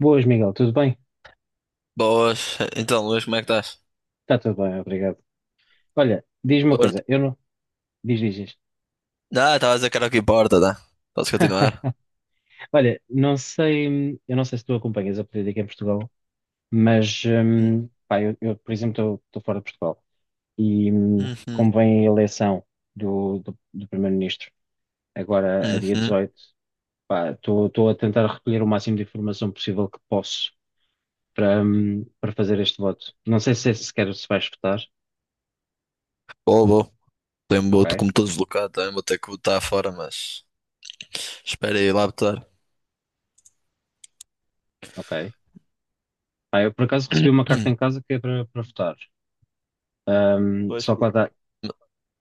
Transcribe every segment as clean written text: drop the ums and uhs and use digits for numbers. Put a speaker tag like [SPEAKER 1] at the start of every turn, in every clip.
[SPEAKER 1] Boas, Miguel, tudo bem?
[SPEAKER 2] Boas. Então, Luís, como é que estás?
[SPEAKER 1] Está tudo bem, obrigado. Olha, diz-me uma
[SPEAKER 2] Porto.
[SPEAKER 1] coisa, eu não. Diz, diz, diz.
[SPEAKER 2] Não, estava a dizer que era aqui Porta, tá? Posso continuar?
[SPEAKER 1] Olha, não sei, eu não sei se tu acompanhas a política em Portugal, mas,
[SPEAKER 2] Hum.
[SPEAKER 1] pá, eu, por exemplo, estou fora de Portugal e,
[SPEAKER 2] Uhum.
[SPEAKER 1] como vem a eleição do primeiro-ministro, agora a dia
[SPEAKER 2] Uhum.
[SPEAKER 1] 18, pá, estou a tentar recolher o máximo de informação possível que posso para, para fazer este voto. Não sei se é sequer se vais votar,
[SPEAKER 2] Boa, boa. Tenho boto
[SPEAKER 1] ok,
[SPEAKER 2] como estou deslocado também, vou ter que botar fora, mas espera aí lá botar.
[SPEAKER 1] ok. Pá, eu por acaso recebi uma carta em casa que é para votar.
[SPEAKER 2] Pois,
[SPEAKER 1] Só
[SPEAKER 2] por-
[SPEAKER 1] para dar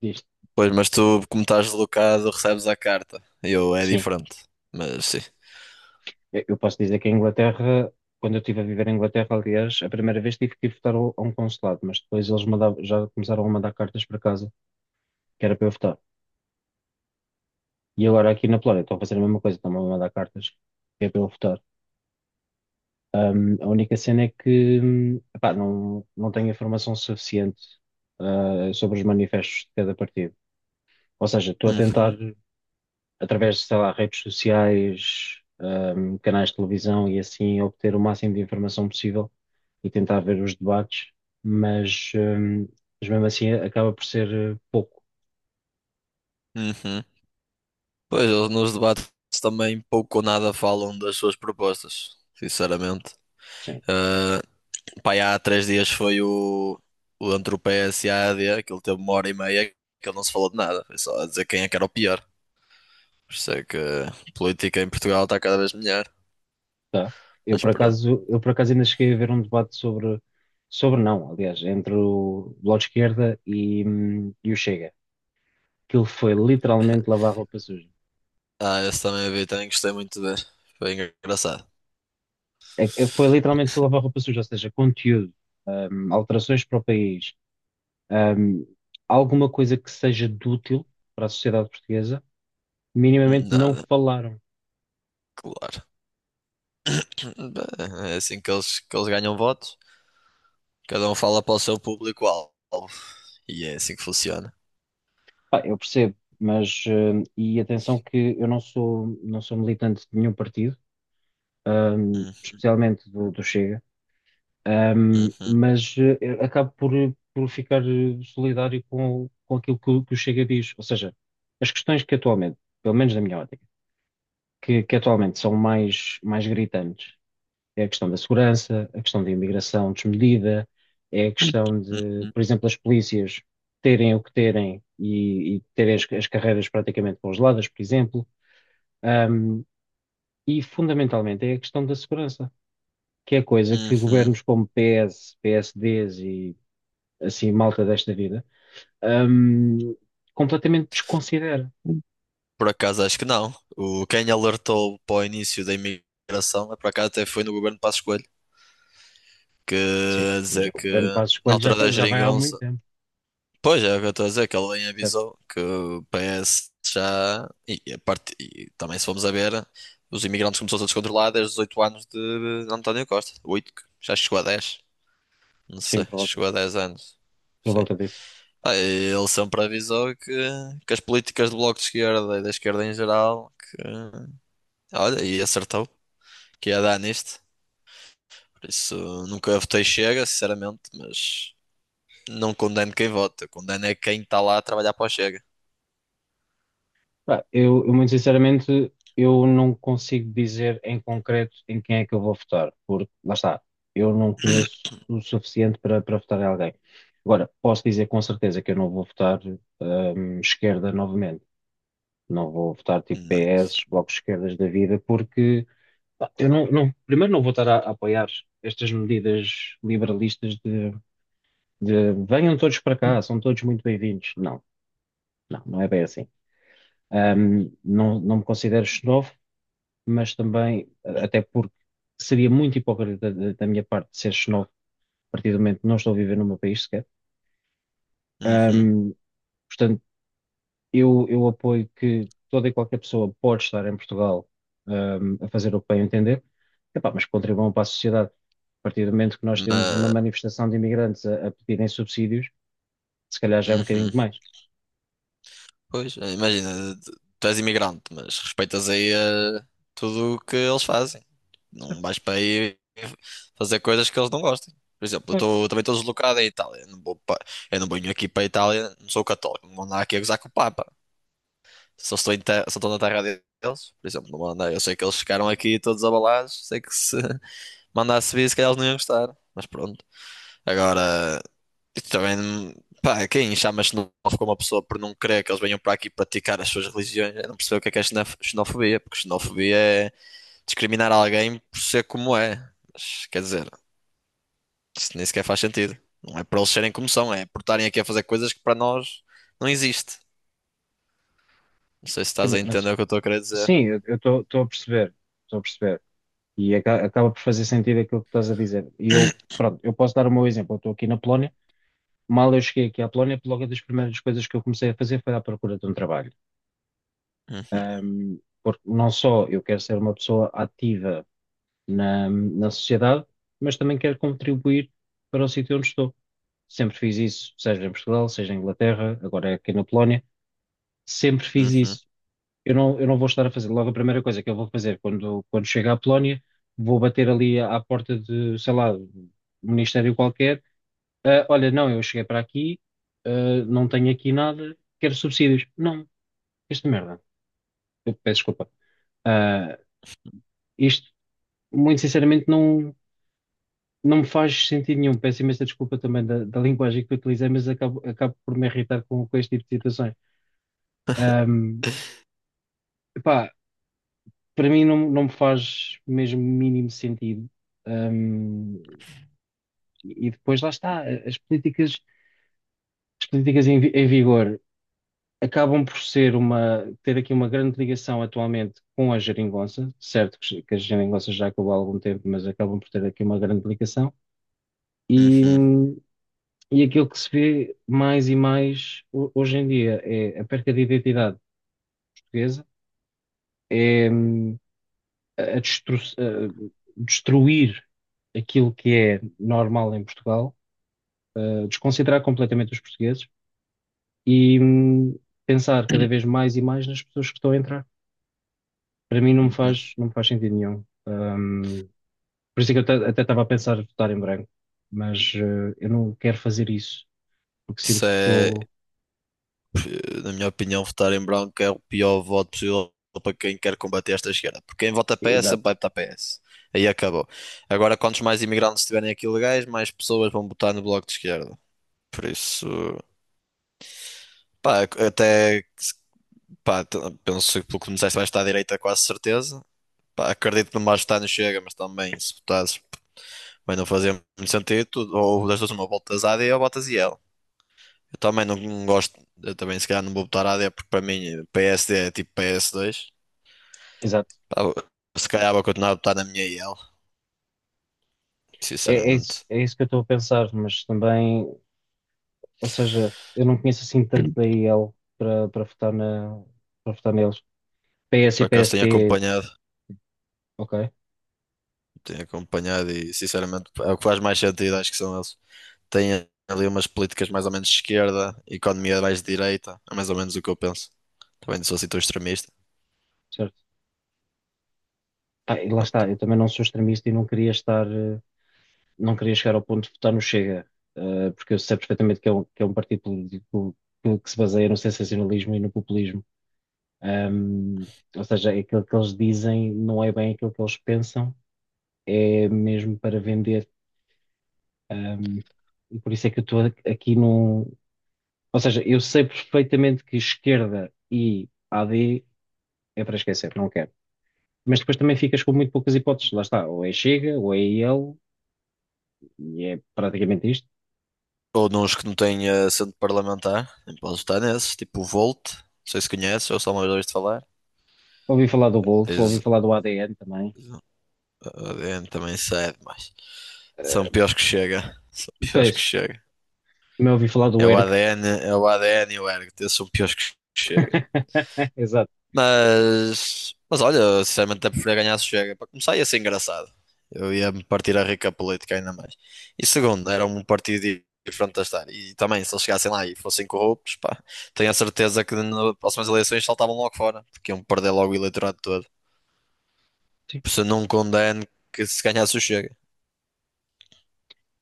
[SPEAKER 1] isto,
[SPEAKER 2] Pois, mas tu, como estás deslocado, recebes a carta. Eu, é
[SPEAKER 1] sim,
[SPEAKER 2] diferente. Mas sim.
[SPEAKER 1] eu posso dizer que a Inglaterra, quando eu estive a viver em Inglaterra, aliás, a primeira vez tive que ir votar a um consulado, mas depois já começaram a mandar cartas para casa, que era para eu votar. E agora aqui na Polónia estão a fazer a mesma coisa, estão a mandar cartas, que é para eu votar. A única cena é que, epá, não, não tenho informação suficiente, sobre os manifestos de cada partido. Ou seja, estou a tentar
[SPEAKER 2] Uhum.
[SPEAKER 1] através de, sei lá, redes sociais, canais de televisão e assim, obter o máximo de informação possível e tentar ver os debates, mas, ahm, mas mesmo assim acaba por ser pouco.
[SPEAKER 2] Uhum. Pois, eles nos debates também pouco ou nada falam das suas propostas, sinceramente.
[SPEAKER 1] Sim,
[SPEAKER 2] Ah. Pá, e há 3 dias foi o entre o PS e a AD, aquilo teve uma hora e meia que ele não se falou de nada. Foi só a dizer quem é que era o pior. Por isso é que a política em Portugal está cada vez melhor.
[SPEAKER 1] tá. Eu
[SPEAKER 2] Mas
[SPEAKER 1] por
[SPEAKER 2] pronto.
[SPEAKER 1] acaso, eu por acaso ainda cheguei a ver um debate sobre não, aliás, entre o Bloco de Esquerda e o Chega. Aquilo foi literalmente lavar roupa suja.
[SPEAKER 2] Ah, esse também vi, também gostei muito de ver. Foi engraçado.
[SPEAKER 1] Foi literalmente lavar roupa suja, ou seja, conteúdo, alterações para o país, ahm, alguma coisa que seja de útil para a sociedade portuguesa, minimamente não
[SPEAKER 2] Nada,
[SPEAKER 1] falaram.
[SPEAKER 2] claro. Bem, é assim que eles ganham votos. Cada um fala para o seu público-alvo. E é assim que funciona.
[SPEAKER 1] Pá, eu percebo, mas, e atenção que eu não sou militante de nenhum partido,
[SPEAKER 2] Uhum.
[SPEAKER 1] especialmente do Chega,
[SPEAKER 2] Uhum.
[SPEAKER 1] mas eu acabo por ficar solidário com aquilo que o Chega diz. Ou seja, as questões que atualmente, pelo menos na minha ótica, que atualmente são mais gritantes é a questão da segurança, a questão da imigração desmedida, é a questão de,
[SPEAKER 2] Uhum.
[SPEAKER 1] por exemplo, as polícias terem o que terem e terem as, as carreiras praticamente congeladas, por exemplo. Ahm, e fundamentalmente é a questão da segurança, que é coisa que
[SPEAKER 2] Uhum.
[SPEAKER 1] governos como PS, PSDs e assim malta desta vida, ahm, completamente desconsidera.
[SPEAKER 2] Por acaso acho que não. Quem alertou para o início da imigração, é por acaso até foi no governo de Passos Coelho, que
[SPEAKER 1] Sim,
[SPEAKER 2] a
[SPEAKER 1] mas o
[SPEAKER 2] dizer que
[SPEAKER 1] governo Passos
[SPEAKER 2] na
[SPEAKER 1] Coelho já,
[SPEAKER 2] altura
[SPEAKER 1] tá-
[SPEAKER 2] da
[SPEAKER 1] já vai há muito
[SPEAKER 2] geringonça.
[SPEAKER 1] tempo,
[SPEAKER 2] Pois é, o que eu estou a dizer, que ele bem
[SPEAKER 1] certo?
[SPEAKER 2] avisou que o PS já. E, a parte, e também se formos a ver, os imigrantes começou a descontrolar desde os 8 anos de António Costa. 8 já chegou a 10. Não
[SPEAKER 1] Sim,
[SPEAKER 2] sei, chegou a 10 anos.
[SPEAKER 1] por
[SPEAKER 2] Sim.
[SPEAKER 1] volta disso.
[SPEAKER 2] Ah, e ele sempre avisou que as políticas do Bloco de Esquerda e da esquerda em geral, que, olha, e acertou. Que ia dar nisto. Por isso nunca votei Chega, sinceramente, mas não condeno quem vota. Condeno é quem está lá a trabalhar para o Chega.
[SPEAKER 1] Pá, eu muito sinceramente, eu não consigo dizer em concreto em quem é que eu vou votar, porque, lá está, eu não conheço o suficiente para, para votar em alguém. Agora, posso dizer com certeza que eu não vou votar, esquerda novamente. Não vou votar tipo
[SPEAKER 2] Não-
[SPEAKER 1] PS, blocos de esquerdas da vida, porque pá, eu não, não- primeiro não vou estar a apoiar estas medidas liberalistas de venham todos para cá, são todos muito bem-vindos. Não, não é bem assim. Não, não me considero xenófobo, mas também, até porque seria muito hipócrita da, da minha parte ser xenófobo, a partir do momento que não estou a viver no meu país sequer.
[SPEAKER 2] Uhum.
[SPEAKER 1] Ahm, portanto, eu apoio que toda e qualquer pessoa pode estar em Portugal, a fazer o que bem entender. Epá, mas contribuam para a sociedade. A partir do momento que nós temos uma
[SPEAKER 2] Mas,
[SPEAKER 1] manifestação de imigrantes a pedirem subsídios, se calhar já é um bocadinho
[SPEAKER 2] uhum.
[SPEAKER 1] demais.
[SPEAKER 2] Pois, é, imagina, tu és imigrante, mas respeitas aí tudo o que eles fazem. Não
[SPEAKER 1] Certo,
[SPEAKER 2] vais para aí fazer coisas que eles não gostem. Por exemplo,
[SPEAKER 1] claro.
[SPEAKER 2] também estou deslocado em Itália. Eu não venho aqui para a Itália, não sou católico, não vou andar aqui a gozar com o Papa. Só estou, em terra, só estou na terra deles, por exemplo, não mandei. Eu sei que eles ficaram aqui todos abalados, sei que se mandasse vir, se calhar eles não iam gostar, mas pronto. Agora, isto também, pá, quem chama xenófobo uma pessoa por não querer que eles venham para aqui praticar as suas religiões, eu não percebo o que é xenofobia, porque xenofobia é discriminar alguém por ser como é. Mas, quer dizer, isso nem sequer faz sentido. Não é para eles serem como são, é por estarem aqui a fazer coisas que para nós não existe. Não sei se
[SPEAKER 1] Sim.
[SPEAKER 2] estás a
[SPEAKER 1] Mas
[SPEAKER 2] entender o que eu estou a querer dizer.
[SPEAKER 1] sim, eu estou a perceber, estou a perceber. E acaba por fazer sentido aquilo que estás a dizer. E eu, pronto, eu posso dar o meu exemplo. Eu estou aqui na Polónia. Mal eu cheguei aqui à Polónia, logo das primeiras coisas que eu comecei a fazer foi à procura de um trabalho. Porque não só eu quero ser uma pessoa ativa na, na sociedade, mas também quero contribuir para o sítio onde estou. Sempre fiz isso, seja em Portugal, seja em Inglaterra, agora é aqui na Polónia. Sempre fiz
[SPEAKER 2] Uhum.
[SPEAKER 1] isso. Eu não vou estar a fazer. Logo, a primeira coisa que eu vou fazer quando chegar à Polónia, vou bater ali à, à porta de, sei lá, um ministério qualquer. Ah, olha, não, eu cheguei para aqui, ah, não tenho aqui nada, quero subsídios. Não, esta merda. Eu peço desculpa. Ah, isto, muito sinceramente, não, não me faz sentido nenhum. Peço imensa desculpa também da, da linguagem que utilizei, mas acabo por me irritar com este tipo de situações.
[SPEAKER 2] Uhum.
[SPEAKER 1] Um, para mim não, não me faz mesmo mínimo sentido. Um, e depois lá está, as políticas em vigor acabam por ser uma, ter aqui uma grande ligação atualmente com a geringonça, certo que a geringonça já acabou há algum tempo, mas acabam por ter aqui uma grande ligação, e,
[SPEAKER 2] Uhum.
[SPEAKER 1] e aquilo que se vê mais e mais hoje em dia é a perca de identidade portuguesa, é, a destruir aquilo que é normal em Portugal, a desconsiderar completamente os portugueses e pensar cada vez mais e mais nas pessoas que estão a entrar. Para mim
[SPEAKER 2] Uhum.
[SPEAKER 1] não me faz sentido nenhum. Por isso é que eu até estava a pensar em votar em branco, mas eu não quero fazer isso, porque
[SPEAKER 2] Isso
[SPEAKER 1] sinto que
[SPEAKER 2] é,
[SPEAKER 1] estou.
[SPEAKER 2] na minha opinião, votar em branco é o pior voto possível para quem quer combater esta esquerda. Porque quem vota PS sempre
[SPEAKER 1] Exato,
[SPEAKER 2] vai votar PS. Aí acabou. Agora, quantos mais imigrantes estiverem aqui legais, mais pessoas vão votar no bloco de esquerda. Por isso, pá, até, pá, penso que pelo que me disseste vais estar à direita, quase certeza. Pá, acredito que não vais votar no Chega, mas também, se votasses, vai não fazer muito sentido. Ou das duas, uma, votas AD ou votas IL. Eu também não gosto, eu também se calhar não vou votar AD porque para mim PSD é tipo PS2.
[SPEAKER 1] exato.
[SPEAKER 2] Pá, se calhar vou continuar a votar na minha IL,
[SPEAKER 1] É,
[SPEAKER 2] sinceramente.
[SPEAKER 1] é isso que eu estou a pensar, mas também, ou seja, eu não conheço assim tanto
[SPEAKER 2] Hum.
[SPEAKER 1] da IEL para, para votar na, para votar neles. PS e
[SPEAKER 2] Por acaso tenho
[SPEAKER 1] PST,
[SPEAKER 2] acompanhado,
[SPEAKER 1] ok,
[SPEAKER 2] tenho acompanhado e sinceramente é o que faz mais sentido, acho que são eles. Têm ali umas políticas mais ou menos de esquerda, economia mais de direita, é mais ou menos o que eu penso. Também não sou assim tão extremista.
[SPEAKER 1] certo. Pá, e lá
[SPEAKER 2] Pronto.
[SPEAKER 1] está, eu também não sou extremista e não queria estar, não queria chegar ao ponto de votar no Chega, porque eu sei perfeitamente que é um partido político que se baseia no sensacionalismo e no populismo. Ahm, ou seja, é aquilo que eles dizem não é bem aquilo que eles pensam, é mesmo para vender. Ahm, e por isso é que eu estou aqui num. Ou seja, eu sei perfeitamente que esquerda e AD é para esquecer, não quero. Mas depois também ficas com muito poucas hipóteses. Lá está, ou é Chega, ou é ele, e é praticamente isto.
[SPEAKER 2] Ou nos que não têm assento parlamentar, nem posso votar nesses, tipo o Volt, não sei se conheces, ou só uma vez ouviste falar.
[SPEAKER 1] Ouvi falar do Volt, ouvi
[SPEAKER 2] Tens.
[SPEAKER 1] falar do ADN também.
[SPEAKER 2] O ADN também cede, mas são piores que chega. São piores
[SPEAKER 1] Pois,
[SPEAKER 2] que chega.
[SPEAKER 1] também ouvi falar do
[SPEAKER 2] É o
[SPEAKER 1] ERCT.
[SPEAKER 2] ADN, é o ADN e o ergo. São piores que chega.
[SPEAKER 1] Exato.
[SPEAKER 2] Mas olha, sinceramente até preferia ganhar se chega. Para começar ia ser engraçado. Eu ia me partir a rica política ainda mais. E segundo, era um partido diferente de estar. E também, se eles chegassem lá e fossem corruptos, pá, tenho a certeza que nas próximas eleições saltavam logo fora, porque iam perder logo o eleitorado todo.
[SPEAKER 1] Sim.
[SPEAKER 2] Por isso eu não condeno que se ganhasse o Chega.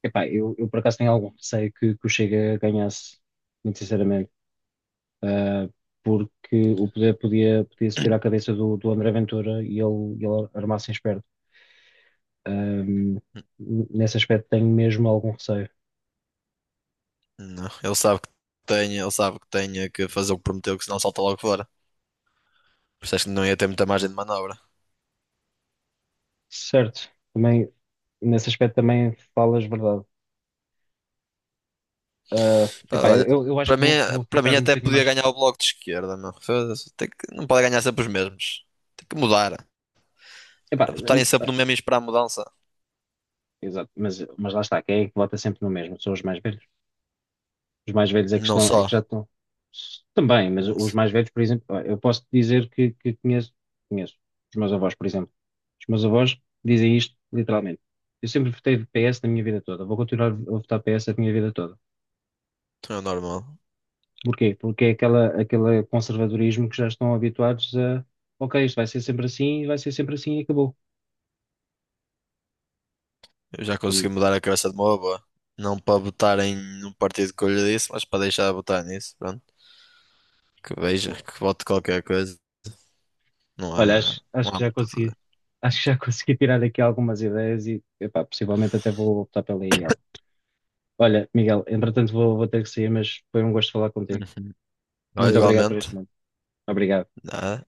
[SPEAKER 1] Epá, eu por acaso tenho algum receio que o Chega ganhasse, muito sinceramente. Ah, porque o poder podia subir à cabeça do André Ventura e ele armasse em esperto. Ahm, nesse aspecto tenho mesmo algum receio.
[SPEAKER 2] Não, ele sabe que tenha que fazer o que prometeu, que senão salta logo fora. Por isso acho que não ia ter muita margem de manobra.
[SPEAKER 1] Certo, também, nesse aspecto também falas verdade. Ah,
[SPEAKER 2] Pá,
[SPEAKER 1] epá,
[SPEAKER 2] olha,
[SPEAKER 1] eu acho
[SPEAKER 2] para
[SPEAKER 1] que
[SPEAKER 2] mim,
[SPEAKER 1] vou
[SPEAKER 2] para mim
[SPEAKER 1] ficar um
[SPEAKER 2] até
[SPEAKER 1] bocadinho
[SPEAKER 2] podia
[SPEAKER 1] mais.
[SPEAKER 2] ganhar o bloco de esquerda, meu. Foda-se, tem que, não pode ganhar sempre os mesmos. Tem que mudar.
[SPEAKER 1] Epá,
[SPEAKER 2] Era votarem sempre no mesmo e esperar a mudança.
[SPEAKER 1] exato, mas lá está, quem é que vota sempre no mesmo? São os mais velhos. Os mais velhos é que
[SPEAKER 2] Não
[SPEAKER 1] estão, é que
[SPEAKER 2] só.
[SPEAKER 1] já estão. Também, mas
[SPEAKER 2] Não
[SPEAKER 1] os
[SPEAKER 2] só.
[SPEAKER 1] mais velhos, por exemplo, eu posso dizer que conheço, conheço os meus avós, por exemplo. Os meus avós dizem isto literalmente. Eu sempre votei PS na minha vida toda, vou continuar a votar PS a minha vida toda.
[SPEAKER 2] Então é normal.
[SPEAKER 1] Porquê? Porque é aquela, aquele conservadorismo que já estão habituados a, ok, isto vai ser sempre assim, vai ser sempre assim e acabou.
[SPEAKER 2] Eu já
[SPEAKER 1] E
[SPEAKER 2] consegui mudar a cabeça de uma boa. Não para votar em um partido que eu lhe disse, mas para deixar de votar nisso. Pronto. Que veja,
[SPEAKER 1] bom,
[SPEAKER 2] que vote qualquer coisa. Não
[SPEAKER 1] olha,
[SPEAKER 2] há, não
[SPEAKER 1] acho que
[SPEAKER 2] há
[SPEAKER 1] já
[SPEAKER 2] muito a
[SPEAKER 1] consegui,
[SPEAKER 2] fazer.
[SPEAKER 1] acho que já consegui tirar aqui algumas ideias e, epá, possivelmente até vou optar pela IEL. Olha, Miguel, entretanto vou ter que sair, mas foi um gosto falar contigo.
[SPEAKER 2] Uhum. Olha,
[SPEAKER 1] Muito obrigado por este
[SPEAKER 2] igualmente.
[SPEAKER 1] momento. Obrigado.
[SPEAKER 2] Nada.